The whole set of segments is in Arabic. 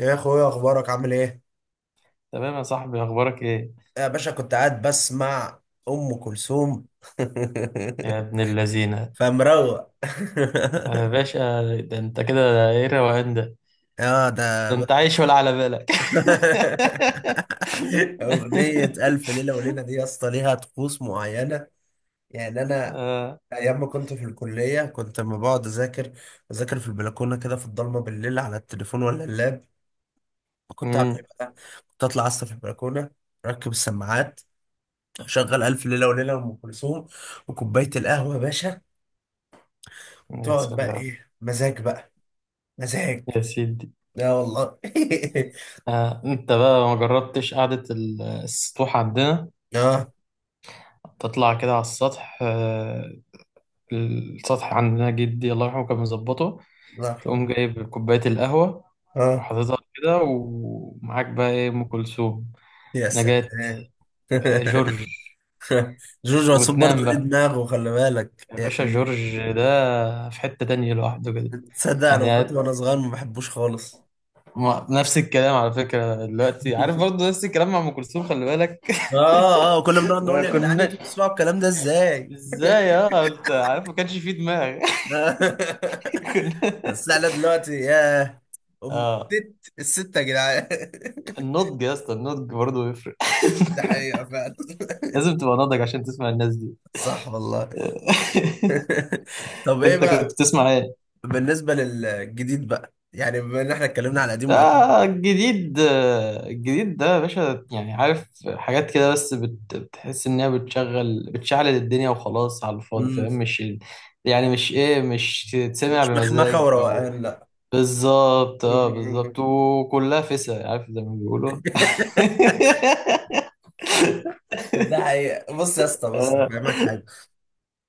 إيه يا اخويا، اخبارك؟ عامل ايه؟ تمام يا صاحبي، اخبارك ايه؟ يا باشا، كنت قاعد بسمع ام كلثوم. يا ابن اللذينه، فمروق. يا باشا. ده انت كده ايه الروقان ده؟ اه ده ده ب- انت عايش ولا على بالك؟ اغنيه الف ليله وليله دي يا اسطى ليها طقوس معينه. يعني انا آه. ايام ما كنت في الكليه، كنت لما بقعد اذاكر في البلكونه كده في الضلمه بالليل على التليفون ولا اللاب، كنت اعمل إيه أمم، بقى؟ كنت اطلع اسطى في البلكونه، اركب السماعات، اشغل الف ليله وليله ام كلثوم، وكوبايه القهوه يا باشا. يا تقعد بقى، سلام. ايه مزاج بقى، مزاج. يا سيدي. لا والله. آه، انت بقى ما جربتش قعدة السطوح عندنا؟ اه، تطلع كده على السطح. السطح عندنا جدي الله يرحمه كان مظبطه، الله يرحمه. تقوم جايب كوباية القهوة اه، وحاططها كده، ومعاك بقى ايه؟ ام كلثوم، يا نجاة، سلام. جورج. جورج وسوف وتنام برضه ليه بقى. دماغه، خلي بالك يا باشا يعني. جورج ده في حتة تانية لوحده كده. تصدق انا يعني كنت وانا صغير ما بحبوش خالص. نفس الكلام على فكرة دلوقتي، عارف برضه نفس الكلام مع أم كلثوم، خلي بالك. اه، اه، كنا بنقعد ما نقول يا جدعان، كناش. انتوا بتسمعوا الكلام ده ازاي؟ ازاي؟ اه انت عارف ما كانش فيه دماغ. كنا. بس احنا دلوقتي يا ام اه، ست الستة يا جدعان. النضج يا اسطى، النضج برضه يفرق. ده حقيقة فعلا. لازم تبقى ناضج عشان تسمع الناس دي. صح والله. طب ايه انت كنت بقى؟ بتسمع ايه؟ بالنسبة للجديد بقى، يعني بما ان احنا اتكلمنا على قديم وقديم. آه الجديد. الجديد ده يا باشا يعني عارف حاجات كده، بس بتحس إنها بتشغل بتشعل الدنيا وخلاص على الفاضي، فاهم؟ امم مش يعني مش إيه، مش تتسمع مش مخمخة بمزاج أو وروقان، لا. بالظبط. اه مم. بالظبط، وكلها فسا عارف زي ما بيقولوا. ده حقيقة. بص يا اسطى، بص آه. هفهمك حاجة.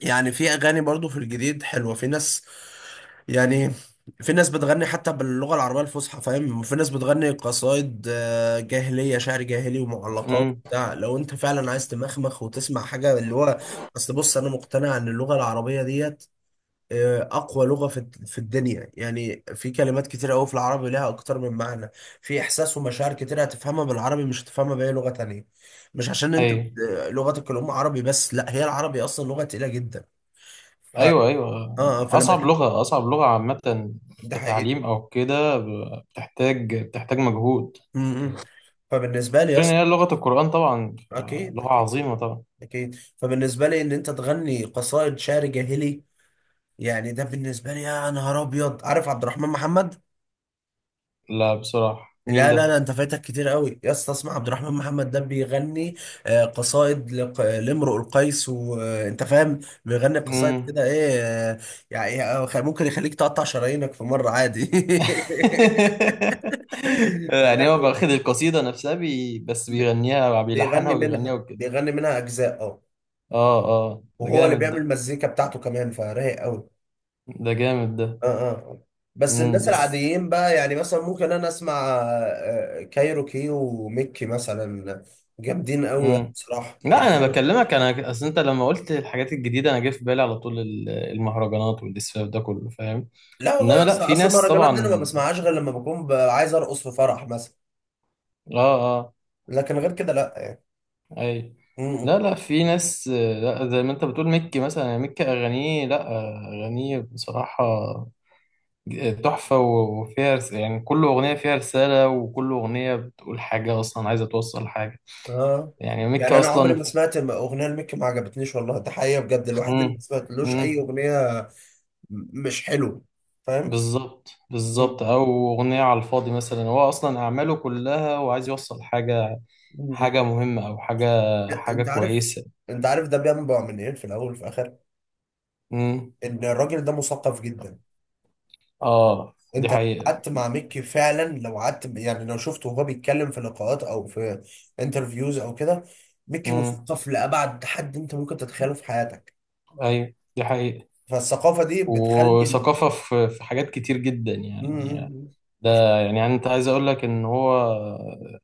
يعني في اغاني برضو في الجديد حلوة، في ناس، يعني في ناس بتغني حتى باللغة العربية الفصحى فاهم، وفي ناس بتغني قصايد جاهلية، شعر جاهلي ومعلقات أمم، بتاع، لو انت فعلا عايز تمخمخ وتسمع حاجة اللي هو، اصل بص، انا مقتنع ان اللغة العربية ديت اقوى لغه في الدنيا. يعني في كلمات كتير قوي في العربي لها اكتر من معنى، في احساس ومشاعر كتير هتفهمها بالعربي، مش هتفهمها باي لغه تانية. مش عشان انت أيوه لغتك الام عربي، بس لا، هي العربي اصلا لغه تقيله جدا. ف اه أيوه أيوه، آه، فلما أصعب ت- لغة، أصعب لغة، عامة ده حقيقي. كتعليم أو كده، بتحتاج بتحتاج مجهود، م- م. فبالنسبه لي غير ان هي اصلا، لغة القرآن طبعا، اكيد لغة اكيد عظيمة طبعا. اكيد. فبالنسبه لي ان انت تغني قصائد شعر جاهلي، يعني ده بالنسبه لي يا نهار ابيض. عارف عبد الرحمن محمد؟ لا بصراحة مين لا لا لا، ده؟ انت فايتك كتير قوي يا اسطى. اسمع عبد الرحمن محمد ده بيغني قصائد لامرؤ القيس، وانت فاهم، بيغني قصائد مم. كده ايه. يعني ممكن يخليك تقطع شرايينك في مرة عادي. يعني هو لا، واخد القصيدة نفسها بس ب- بيغنيها، بيلحنها بيغني وبيغنيها منها وكده. بيغني منها اجزاء. اه. اه اه، ده وهو اللي جامد بيعمل ده. مزيكا بتاعته كمان، فرايق قوي. ده جامد ده. اه، اه. بس مم الناس بس. العاديين بقى، يعني مثلا ممكن انا اسمع كايروكي وميكي مثلا، جامدين قوي يعني مم. بصراحه. لا يعني انا بكلمك، انا اصل انت لما قلت الحاجات الجديده انا جه في بالي على طول المهرجانات والاسفاف ده كله، فاهم؟ لا والله انما يا لا اسطى، في اصل ناس المهرجانات دي انا ما طبعا. بسمعهاش غير لما بكون عايز ارقص في فرح مثلا. اه. آه. لكن غير كده لا يعني. اي. م- لا م. لا، في ناس، لا زي ما انت بتقول مكي مثلا، مكي اغانيه لا، اغانيه بصراحة تحفة، وفيها يعني كل اغنية فيها رسالة، وكل اغنية بتقول حاجة، اصلا عايزة توصل حاجة. اه. يعني مكي يعني انا عمري ما اصلا. سمعت اغنيه لميكي ما عجبتنيش، والله ده حقيقه بجد. الواحد امم. اللي ما سمعتلوش امم. اي اغنيه مش حلو، فاهم؟ بالظبط م- بالظبط، او اغنية على الفاضي مثلا، هو اصلا اعماله كلها وعايز يوصل حاجة، م. حاجة مهمة او حاجة، لا، حاجة انت عارف كويسة. انت عارف ده بينبع من ايه في الاول وفي الاخر. امم. ان الراجل ده مثقف جدا. اه دي انت لو حقيقة. قعدت مع ميكي فعلا، لو قعدت يعني، لو شفته وهو بيتكلم في لقاءات او في انترفيوز او كده، ميكي امم. مثقف لابعد حد انت ممكن تتخيله في حياتك. ايوه دي حقيقة. فالثقافه دي بتخلي م- وثقافة في حاجات كتير جدا يعني. م- ده يعني أنت عايز أقول لك إن هو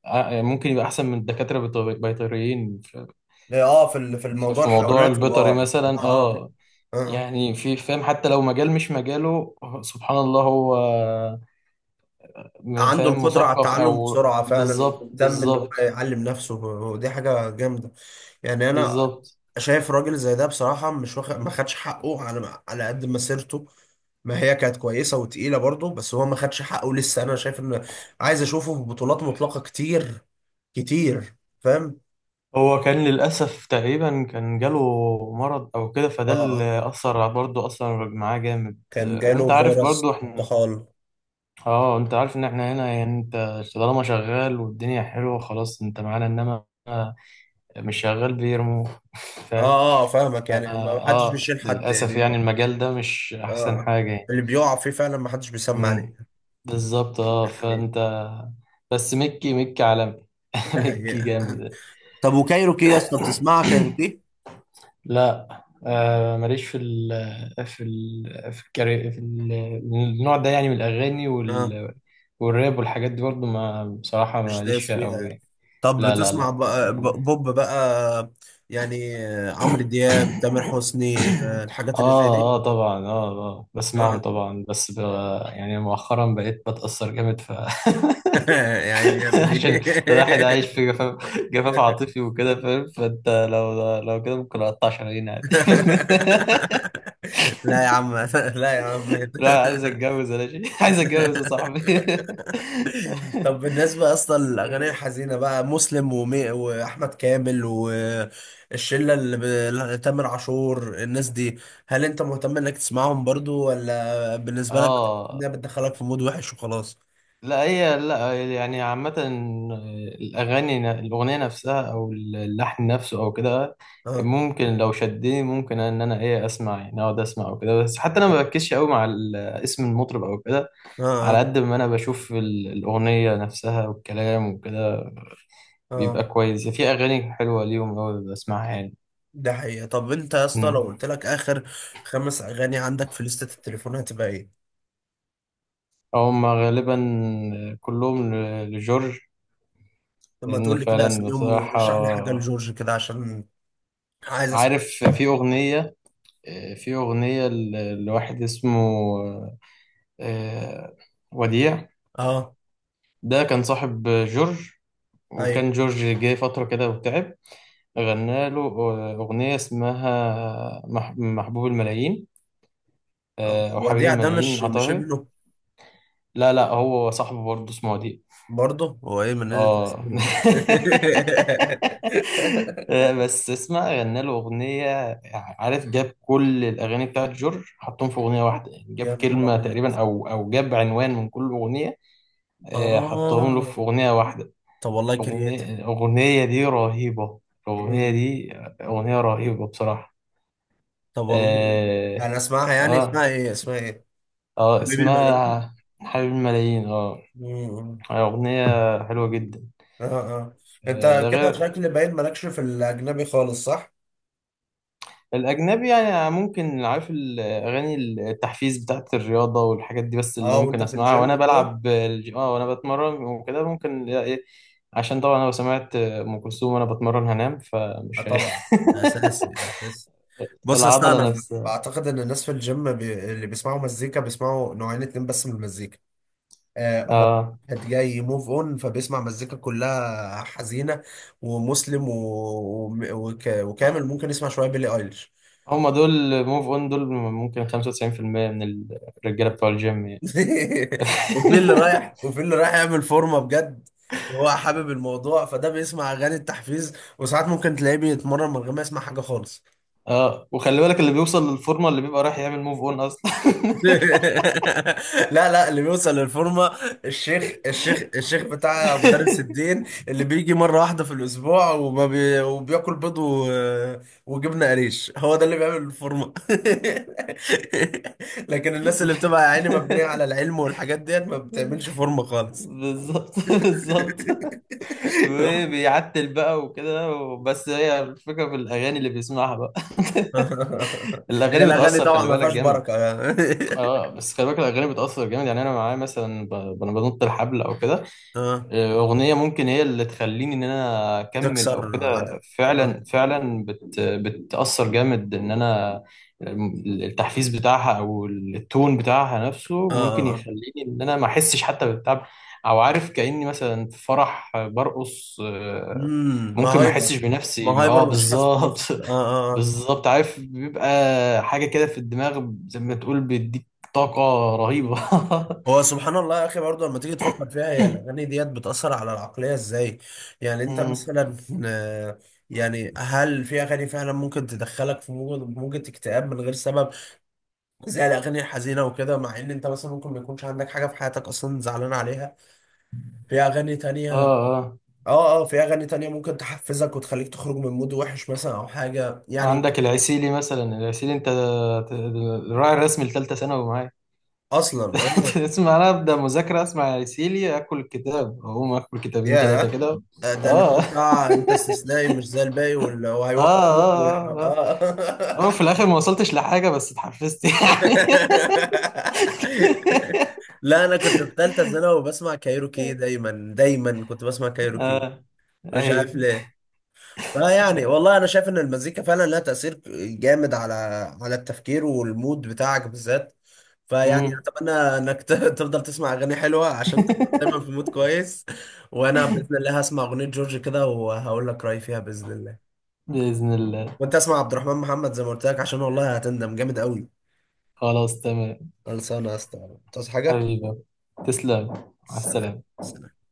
ممكن يبقى أحسن من الدكاترة بيطريين في، م. اه، في في في الموضوع في موضوع الحيوانات اه، البيطري مثلا، اه، أه. اه، آه. يعني في، فاهم؟ حتى لو مجال مش مجاله، سبحان الله. هو عنده فاهم، القدرة على مثقف التعلم أو بسرعة فعلا، بالظبط، ومهتم إن هو بالظبط يعلم نفسه، ودي حاجة جامدة. يعني أنا بالظبط. شايف راجل زي ده بصراحة مش واخد، ما خدش حقه على قد مسيرته. ما هي كانت كويسة وتقيلة برضه، بس هو ما خدش حقه لسه. أنا شايف إن عايز أشوفه في بطولات مطلقة كتير كتير، فاهم؟ هو كان للأسف تقريبا كان جاله مرض أو كده، آه، فده آه، اللي أثر برضه أثر معاه جامد، كان جاله وأنت عارف فيروس برضه إحنا. الطحال. اه انت عارف ان احنا هنا يعني، انت طالما شغال والدنيا حلوه خلاص انت معانا، انما مش شغال بيرمو. فاهم. آه، آه، فاهمك، اه يعني ما حدش بيشيل حد للاسف يعني. يعني آه، المجال ده مش احسن آه. حاجه يعني. اللي بيقع فيه فعلا ما حدش بيسمع امم. عليه بالظبط، اه، يعني. فانت. بس مكي، مكي عالمي. ده مكي حقيقة. جامد. طب وكايروكي يا اسطى، بتسمعها كايروكي؟ لا آه، ماليش في ال في ال في, الكاري في ال النوع ده يعني من الاغاني، اه. وال والراب والحاجات دي برضو، ما بصراحه مش ماليش دايس فيها فيها يعني. قوي. طب لا لا بتسمع لا. بقى بوب بقى، يعني اه عمرو دياب، تامر حسني، الحاجات اللي زي دي. اه طبعا، اه اه اه. بسمعهم طبعا بس يعني مؤخرا بقيت بتأثر جامد ف. يعني يا ابني. عشان الواحد عايش في جفاف، جفاف عاطفي وكده، فاهم؟ فانت لو كده ممكن اقطع شرايين عادي. لا يا عم، لا يا عم. لا عايز اتجوز ولا شيء، عايز اتجوز يا صاحبي. طب بالنسبة اصلا للاغاني الحزينة بقى، مسلم واحمد كامل، والشلة اللي ب... لا- تامر عاشور، الناس دي، هل انت مهتم انك تسمعهم برضو، ولا بالنسبة لك اه. انها بتدخلك في مود وحش وخلاص؟ لا هي لا يعني، عامة الأغاني، الأغنية نفسها أو اللحن نفسه أو كده اه، ممكن، لو شدني ممكن إن أنا إيه أسمع، يعني أقعد أسمع أو كده، بس حتى أنا ما بركزش أوي مع اسم المطرب أو كده، اه، على اه، قد ما أنا بشوف الأغنية نفسها والكلام وكده آه، بيبقى كويس. في أغاني حلوة ليهم أوي بسمعها يعني. ده حقيقة. طب انت يا اسطى، لو مم. قلت لك اخر خمس اغاني عندك في لستة التليفون هتبقى ايه؟ هما غالبا كلهم لجورج، لما لأن تقول لي كده، فعلا اسميهم بصراحة ورشح لي حاجة لجورج كده، عشان عايز اسمع عارف. حاجة. في أغنية، في أغنية لواحد اسمه آه، وديع. اه، ده كان صاحب جورج، وكان ايوه، جورج جه فترة كده وتعب، غنى له أغنية اسمها محبوب الملايين، آه. أو حبيب وديع ده الملايين مش أعتقد. ابنه، لا لا هو صاحبه برضه، اسمه وديع. برضه هو ايه، من نزل اه. تقسيمي ولا إيه؟ بس اسمع، غنى له اغنيه. عارف جاب كل الاغاني بتاعت جورج، حطهم في اغنيه واحده، يعني جاب يا نهار كلمه ابيض. تقريبا او او جاب عنوان من كل اغنيه، حطهم له اه، في اغنيه واحده. طب والله كرياتيف. اغنيه، الاغنيه دي رهيبه. الاغنيه مم. دي اغنيه رهيبه بصراحه. طب والله جامد. اه يعني اسمعها، يعني اه, اسمها ايه، اسمها ايه؟ آه حبيبي الملايين. اسمها حبيب الملايين، اه. مم. اغنيه حلوه جدا. اه، اه. انت ده كده غير. شكل باين مالكش في الاجنبي خالص، صح؟ الأجنبي يعني ممكن عارف، الأغاني التحفيز بتاعت الرياضة والحاجات دي بس اللي اه. وانت ممكن في أسمعها، وأنا الجيم كده. بلعب آه وأنا بتمرن وكده ممكن، لا إيه، عشان طبعا أنا لو سمعت أم كلثوم وأنا بتمرن هنام، اه فمش طبعا، ده اساسي، ده اساسي. بص، اصل العضلة انا نفسها. بعتقد ان الناس في الجيم اللي بيسمعوا مزيكا بيسمعوا نوعين اتنين بس من المزيكا. هو آه واحد جاي موف اون، فبيسمع مزيكا كلها حزينه، ومسلم وكامل، ممكن يسمع شويه بيلي ايليش. هما دول موف أون، دول ممكن 95% من الرجالة بتوع الجيم يعني. وفي اللي رايح وفي اللي رايح يعمل فورمه بجد، وهو حابب الموضوع، فده بيسمع اغاني التحفيز. وساعات ممكن تلاقيه بيتمرن من غير ما يسمع حاجه خالص. آه، وخلي بالك اللي بيوصل للفورمة اللي بيبقى رايح يعمل موف أون أصلا. لا لا، اللي بيوصل للفورمه، الشيخ بتاع مدرس الدين اللي بيجي مره واحده في الاسبوع، وما بي وبياكل بيض وجبنه قريش، هو ده اللي بيعمل الفورمه. لكن الناس اللي بتبقى يا عيني مبنيه على العلم والحاجات ديت ما بتعملش فورمه خالص. بالظبط بالظبط، وبيعتل بقى وكده، بس هي الفكرة في الأغاني اللي بيسمعها بقى. هي الأغاني الاغاني بتأثر طبعا خلي ما بالك فيهاش جامد. بركه يعني. اه بس خلي بالك الأغاني بتأثر جامد، يعني أنا معايا مثلا أنا بنط الحبل أو كده، اه، أغنية ممكن هي اللي تخليني إن أنا أكمل أو تكسر عدد. كده، اه، فعلا فعلا بتأثر جامد إن أنا، التحفيز بتاعها أو التون بتاعها نفسه اه، ممكن آه. يخليني إن أنا ما أحسش حتى بالتعب، أو عارف كأني مثلا في فرح برقص، ما ممكن ما هايبر، أحسش ما بنفسي. أه هايبر، مش حاسس بالظبط. بنفسك، اه، اه، آه. بالظبط، عارف بيبقى حاجة كده في الدماغ زي ما تقول بيديك طاقة رهيبة. مم. هو سبحان الله يا اخي، برضه لما تيجي تفكر فيها، هي الاغاني ديت بتاثر على العقليه ازاي. يعني انت مم. مثلا، آه، يعني هل في اغاني فعلا ممكن تدخلك في موجة اكتئاب من غير سبب، زي الاغاني الحزينه وكده، مع ان انت مثلا ممكن ما يكونش عندك حاجه في حياتك اصلا زعلان عليها؟ في اغاني تانية، اه اه، اه، في اغاني تانية ممكن تحفزك وتخليك تخرج من مود وحش مثلا او حاجه يعني. عندك العسيلي مثلا، العسيلي انت الراعي الرسمي لثالثه ثانوي معايا. اصلا اه، اسمع انا ابدا مذاكره اسمع العسيلي، اكل الكتاب اقوم اكل 2 3 ياه، كده. ده اللي اه هو اه بتاع انت استثنائي مش زي الباقي، واللي هو اه، هيوقفوك ويح- اه اه اه اه، في الاخر ما وصلتش لحاجه بس اتحفزت. يعني. لا، انا كنت في ثالثه ثانوي وبسمع كايروكي، دايما دايما كنت بسمع كايروكي، اه. مش عارف ايوه. ليه. فيعني والله انا شايف ان المزيكا فعلا لها تاثير جامد على التفكير والمود بتاعك بالذات. فيعني مم. اتمنى انك تفضل تسمع اغاني حلوه عشان تبقى دايما في مود كويس. وانا باذن الله هسمع اغنيه جورج كده، وهقول لك رايي فيها باذن الله. باذن الله. وانت اسمع عبد الرحمن محمد زي ما قلت لك، عشان والله هتندم جامد قوي. خلاص تمام. خلصانه يا اسطى، تعوز حاجه؟ حبيبي تسلم. على سلام. السلامه. سلام.